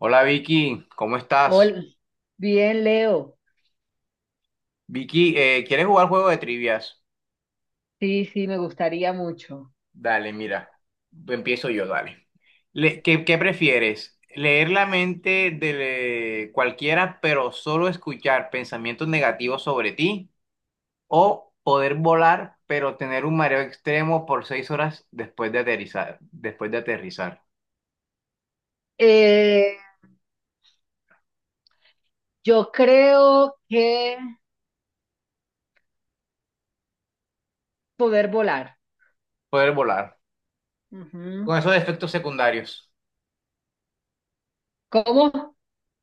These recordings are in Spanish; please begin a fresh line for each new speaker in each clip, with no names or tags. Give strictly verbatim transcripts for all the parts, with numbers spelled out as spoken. Hola Vicky, ¿cómo estás?
Hola, bien, Leo.
Vicky, eh, ¿quieres jugar juego de trivias?
Sí, sí, me gustaría mucho.
Dale, mira, empiezo yo, dale. Le- ¿qué, qué prefieres? ¿Leer la mente de eh, cualquiera, pero solo escuchar pensamientos negativos sobre ti? ¿O poder volar, pero tener un mareo extremo por seis horas después de aterrizar? Después de aterrizar.
Eh, yo creo que poder volar.
Poder volar. Con
Ujú.
esos efectos secundarios.
¿Cómo?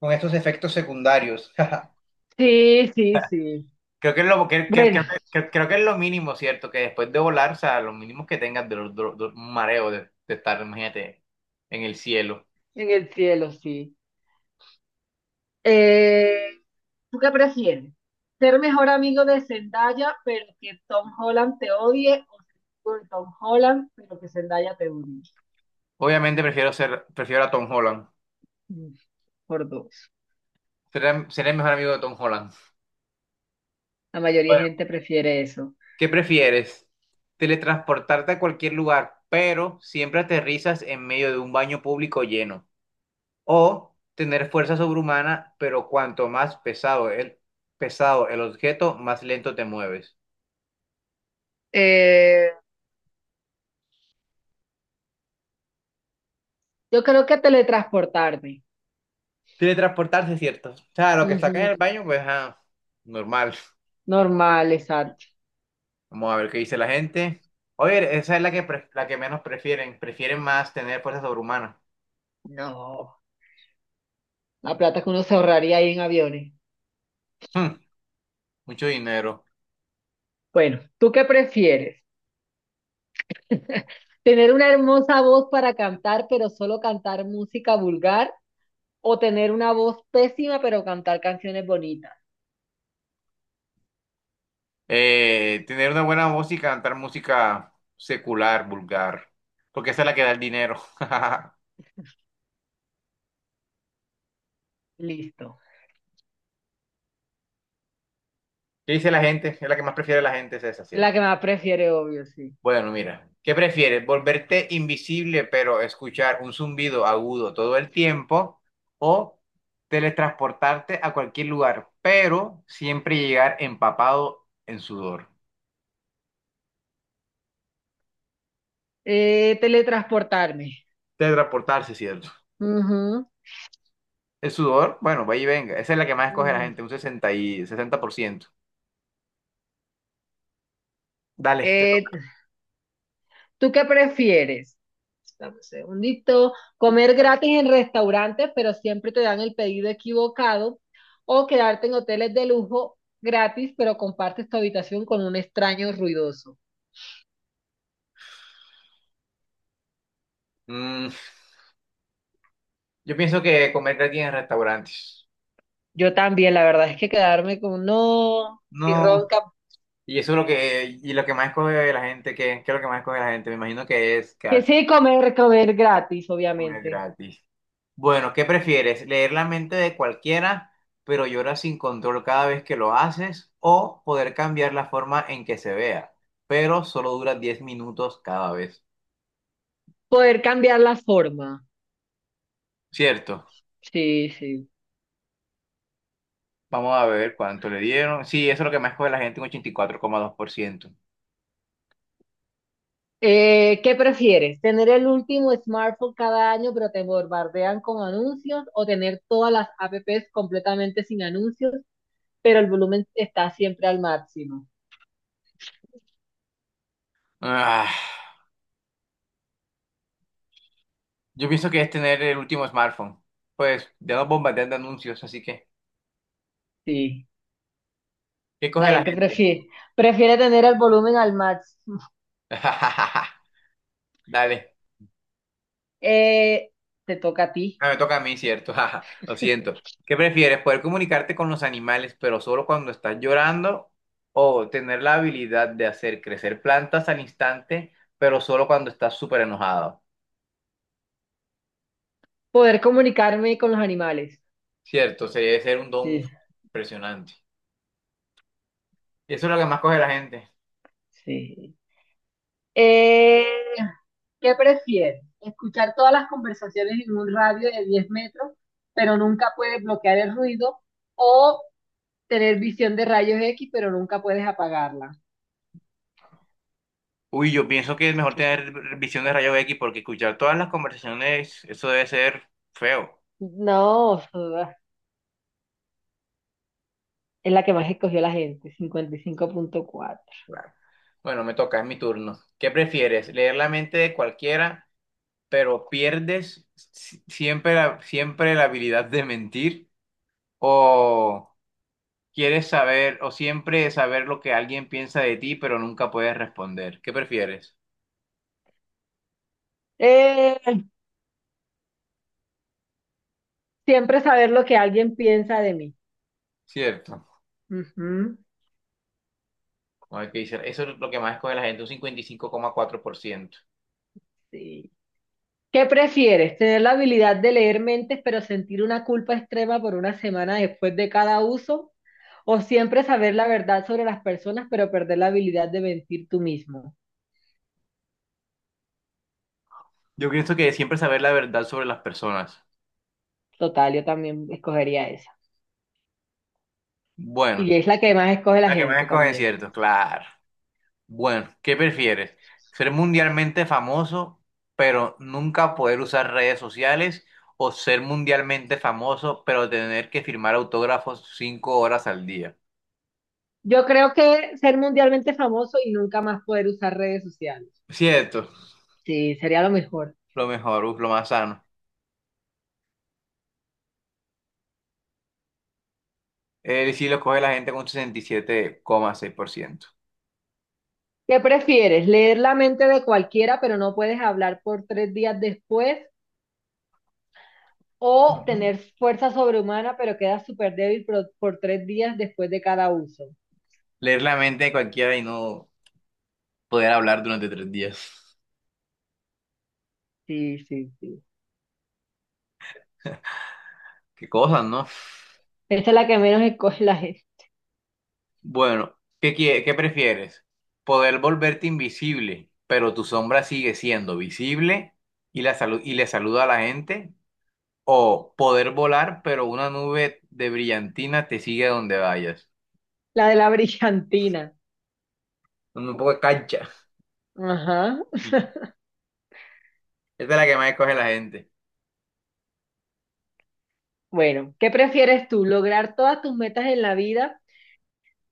Con estos efectos secundarios.
Sí, sí, sí.
Creo que es lo, que, que-
Bueno,
que- que- creo que es lo mínimo, ¿cierto? Que después de volar, o sea, lo mínimo que tengas de, los- de los- de un mareo de, de estar, imagínate, en el cielo.
en el cielo, sí. Eh, ¿tú qué prefieres? ¿Ser mejor amigo de Zendaya, pero que Tom Holland te odie? ¿O ser amigo de Tom Holland, pero que Zendaya te odie?
Obviamente prefiero ser, prefiero a Tom Holland.
Mm, Por dos.
Seré, seré el mejor amigo de Tom Holland.
La mayoría de
Bueno,
gente prefiere eso.
¿qué prefieres? Teletransportarte a cualquier lugar, pero siempre aterrizas en medio de un baño público lleno. O tener fuerza sobrehumana, pero cuanto más pesado el, pesado el objeto, más lento te mueves.
Eh, Yo creo que teletransportarme.
Teletransportarse, cierto. O sea, lo que está acá
Ujú.
en el baño, pues, ah, normal.
Normal, exacto.
Vamos a ver qué dice la gente. Oye, esa es la que, pre- la que menos prefieren. Prefieren más tener fuerza sobrehumana.
No. La plata que uno se ahorraría ahí en aviones.
Hmm, mucho dinero.
Bueno, ¿tú qué prefieres? ¿Tener una hermosa voz para cantar, pero solo cantar música vulgar? ¿O tener una voz pésima, pero cantar canciones bonitas?
Eh, tener una buena música, cantar música secular, vulgar. Porque esa es la que da el dinero.
Listo.
¿Qué dice la gente? Es la que más prefiere la gente, es esa,
La
¿cierto?
que más prefiere, obvio, sí.
Bueno, mira, ¿qué prefieres? ¿Volverte invisible pero escuchar un zumbido agudo todo el tiempo o teletransportarte a cualquier lugar pero siempre llegar empapado en sudor?
Eh, teletransportarme.
Teletransportarse, ¿cierto?
Ujú.
El sudor, bueno, vaya y venga. Esa es la que más escoge la
Mm.
gente, un sesenta y sesenta por ciento. Dale, te
Eh,
toca.
¿tú qué prefieres? Dame un segundito. ¿Comer gratis en restaurantes, pero siempre te dan el pedido equivocado? ¿O quedarte en hoteles de lujo gratis, pero compartes tu habitación con un extraño ruidoso?
Mm, yo pienso que comer gratis en restaurantes.
Yo también, la verdad es que quedarme con no, si
No.
ronca.
Y eso es lo que, y lo que más escoge la gente. ¿Qué, qué es lo que más escoge la gente? Me imagino que es
Que
quedarse a
sí, comer, comer gratis,
comer
obviamente.
gratis. Bueno, ¿qué prefieres? ¿Leer la mente de cualquiera, pero llora sin control cada vez que lo haces? ¿O poder cambiar la forma en que se vea, pero solo dura diez minutos cada vez?
Poder cambiar la forma.
Cierto.
Sí, sí.
Vamos a ver cuánto le dieron. Sí, eso es lo que más escoge la gente, un ochenta y cuatro coma dos por ciento.
Eh, ¿qué prefieres? ¿Tener el último smartphone cada año pero te bombardean con anuncios o tener todas las apps completamente sin anuncios pero el volumen está siempre al máximo?
Ah, yo pienso que es tener el último smartphone. Pues ya nos bombardean de anuncios, así que,
Sí,
¿qué
la
coge la
gente
gente?
prefiere, prefiere tener el volumen al máximo.
Dale.
Eh, te toca a ti.
Ah, me toca a mí, ¿cierto? Jaja, lo siento. ¿Qué prefieres? ¿Poder comunicarte con los animales, pero solo cuando estás llorando? ¿O tener la habilidad de hacer crecer plantas al instante, pero solo cuando estás súper enojado?
Poder comunicarme con los animales.
Cierto, se debe ser un don
Sí,
impresionante. Y eso es lo que más coge la gente.
sí. Eh, ¿qué prefieres? ¿Escuchar todas las conversaciones en un radio de diez metros, pero nunca puedes bloquear el ruido? ¿O tener visión de rayos X, pero nunca puedes apagarla?
Uy, yo pienso que es mejor tener visión de rayos X porque escuchar todas las conversaciones, eso debe ser feo.
No, es la que más escogió la gente, cincuenta y cinco punto cuatro.
Claro. Bueno, me toca, es mi turno. ¿Qué prefieres? ¿Leer la mente de cualquiera, pero pierdes si- siempre la, siempre la habilidad de mentir o quieres saber o siempre saber lo que alguien piensa de ti, pero nunca puedes responder? ¿Qué prefieres?
Eh, Siempre saber lo que alguien piensa de mí.
Cierto.
Ujú,
A ver qué dice. Eso es lo que más escoge la gente, un cincuenta y cinco coma cuatro por ciento.
sí. ¿Qué prefieres? ¿Tener la habilidad de leer mentes pero sentir una culpa extrema por una semana después de cada uso? ¿O siempre saber la verdad sobre las personas pero perder la habilidad de mentir tú mismo?
Yo pienso que siempre saber la verdad sobre las personas.
Total, yo también escogería esa.
Bueno,
Y es la que más escoge la
la que más
gente
escogen,
también.
cierto, claro. Bueno, ¿qué prefieres? ¿Ser mundialmente famoso, pero nunca poder usar redes sociales? ¿O ser mundialmente famoso, pero tener que firmar autógrafos cinco horas al día?
Yo creo que ser mundialmente famoso y nunca más poder usar redes sociales.
Cierto,
Sí, sería lo mejor.
lo mejor, uf, lo más sano. Él sí lo coge la gente con sesenta y siete coma seis por ciento.
¿Qué prefieres? ¿Leer la mente de cualquiera pero no puedes hablar por tres días después? ¿O
Ujú.
tener fuerza sobrehumana, pero quedas súper débil por, por tres días después de cada uso?
Leer la mente de cualquiera y no poder hablar durante tres días.
Sí, sí, sí.
Qué cosas, ¿no?
Esta es la que menos escoge la gente.
Bueno, ¿qué quie- qué prefieres? Poder volverte invisible, pero tu sombra sigue siendo visible y la salu- y le saluda a la gente, o poder volar, pero una nube de brillantina te sigue donde vayas.
La de la brillantina.
Un poco de cancha.
Ajá.
Sí. Esta es la que más escoge la gente.
Bueno, ¿qué prefieres tú? ¿Lograr todas tus metas en la vida,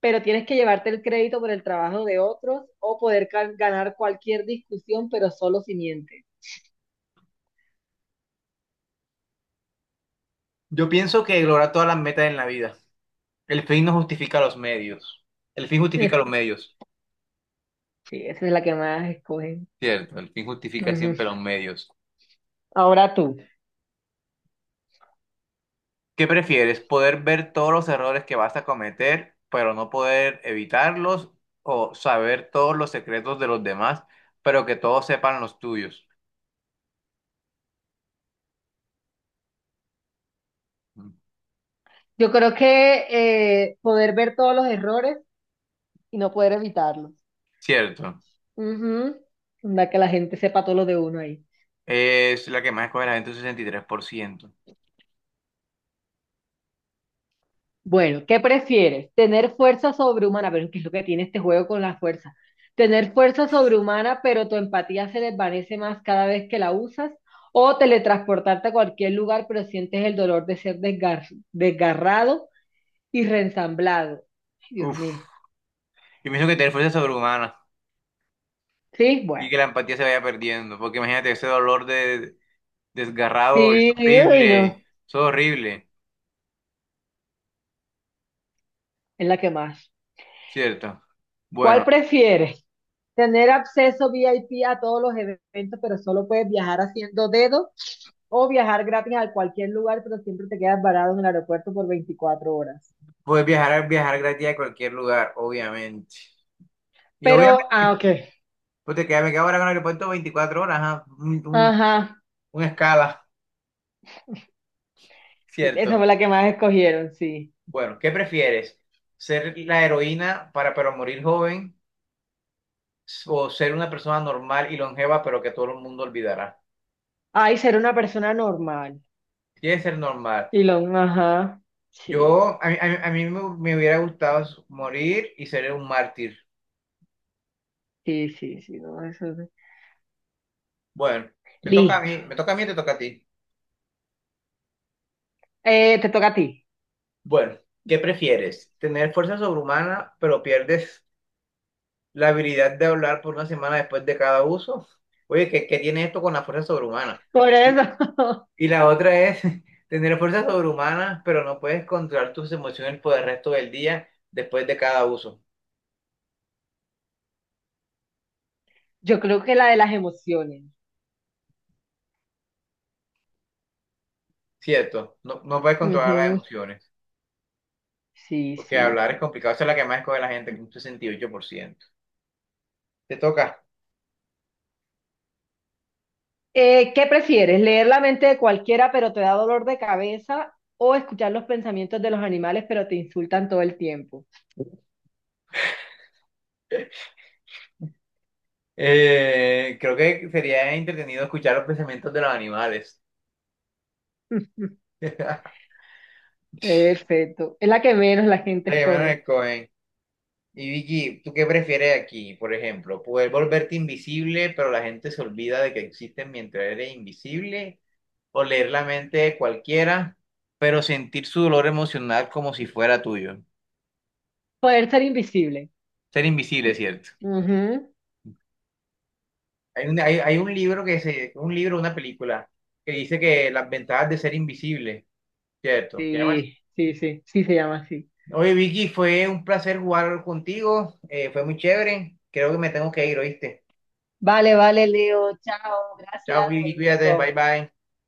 pero tienes que llevarte el crédito por el trabajo de otros? ¿O poder ca- ganar cualquier discusión, pero solo si mientes?
Yo pienso que lograr todas las metas en la vida. El fin no justifica los medios. El fin justifica los medios.
Sí, esa es la que más escogen.
Cierto, el fin justifica
Ujú.
siempre los medios.
Ahora tú.
¿Qué prefieres? ¿Poder ver todos los errores que vas a cometer, pero no poder evitarlos? ¿O saber todos los secretos de los demás, pero que todos sepan los tuyos? Mm.
Yo creo que eh, poder ver todos los errores y no poder evitarlos.
Cierto.
Ujú. Onda que la gente sepa todo lo de uno ahí.
Es la que más escoge la gente, un sesenta y tres por ciento.
Bueno, ¿qué prefieres? ¿Tener fuerza sobrehumana? Pero ¿qué es lo que tiene este juego con la fuerza? ¿Tener fuerza sobrehumana, pero tu empatía se desvanece más cada vez que la usas? ¿O teletransportarte a cualquier lugar, pero sientes el dolor de ser desgar- desgarrado y reensamblado? Ay, Dios
Uf.
mío.
Y pienso que tener fuerza sobrehumana
Sí,
y que
bueno.
la empatía se vaya perdiendo, porque imagínate ese dolor de desgarrado, es
Sí, uy, no.
horrible, es horrible,
Es la que más.
¿cierto?
¿Cuál
Bueno,
prefieres? ¿Tener acceso V I P a todos los eventos, pero solo puedes viajar haciendo dedo? ¿O viajar gratis a cualquier lugar, pero siempre te quedas varado en el aeropuerto por veinticuatro horas?
puedes viajar, viajar gratis a cualquier lugar, obviamente. Y
Pero, ah,
obviamente,
ok.
porque ya me quedo ahora con el aeropuerto veinticuatro horas, ajá, un, un-
Ajá.
un escala,
Esa fue
cierto.
la que más escogieron, sí.
Bueno, ¿qué prefieres? ¿Ser la heroína para pero morir joven o ser una persona normal y longeva pero que todo el mundo olvidará?
Ay, ser una persona normal.
Quieres ser normal.
Y lo, ajá. Sí,
Yo, a mí, a mí- a mí me, Me hubiera gustado morir y ser un mártir.
sí, sí, sí, no, eso es-
Bueno, me toca a
Listo.
mí, me toca a mí, te toca a ti.
Eh, te toca a ti.
Bueno, ¿qué prefieres? ¿Tener fuerza sobrehumana pero pierdes la habilidad de hablar por una semana después de cada uso? Oye, ¿qué, qué tiene esto con la fuerza sobrehumana?
Por eso,
Y la otra es tener fuerza sobrehumana, pero no puedes controlar tus emociones por el resto del día después de cada uso.
yo creo que la de las emociones.
Cierto, no, no puedes controlar las
Ujú.
emociones,
Sí,
porque
sí.
hablar es complicado. Esa es la que más escoge la gente, un sesenta y ocho por ciento. Te toca.
Eh, ¿qué prefieres? ¿Leer la mente de cualquiera pero te da dolor de cabeza o escuchar los pensamientos de los animales pero te insultan todo el tiempo?
Eh, creo que sería entretenido escuchar los pensamientos de los animales. De
Perfecto. Es la que menos la gente
que menos
escoge.
escogen. Y Vicky, ¿tú qué prefieres aquí? Por ejemplo, ¿poder volverte invisible, pero la gente se olvida de que existes mientras eres invisible? ¿O leer la mente de cualquiera, pero sentir su dolor emocional como si fuera tuyo?
Poder ser invisible.
Ser invisible, ¿cierto?
Ujú.
Hay un, hay, hay un libro que se, un libro, una película, que dice que las ventajas de ser invisible, ¿cierto? ¿Qué llamas?
Sí, sí, sí, sí se llama así.
Oye, Vicky, fue un placer jugar contigo, eh, fue muy chévere. Creo que me tengo que ir, ¿oíste?
Vale, vale, Leo. Chao.
Chao,
Gracias por
Vicky,
el
cuídate, bye
juego.
bye.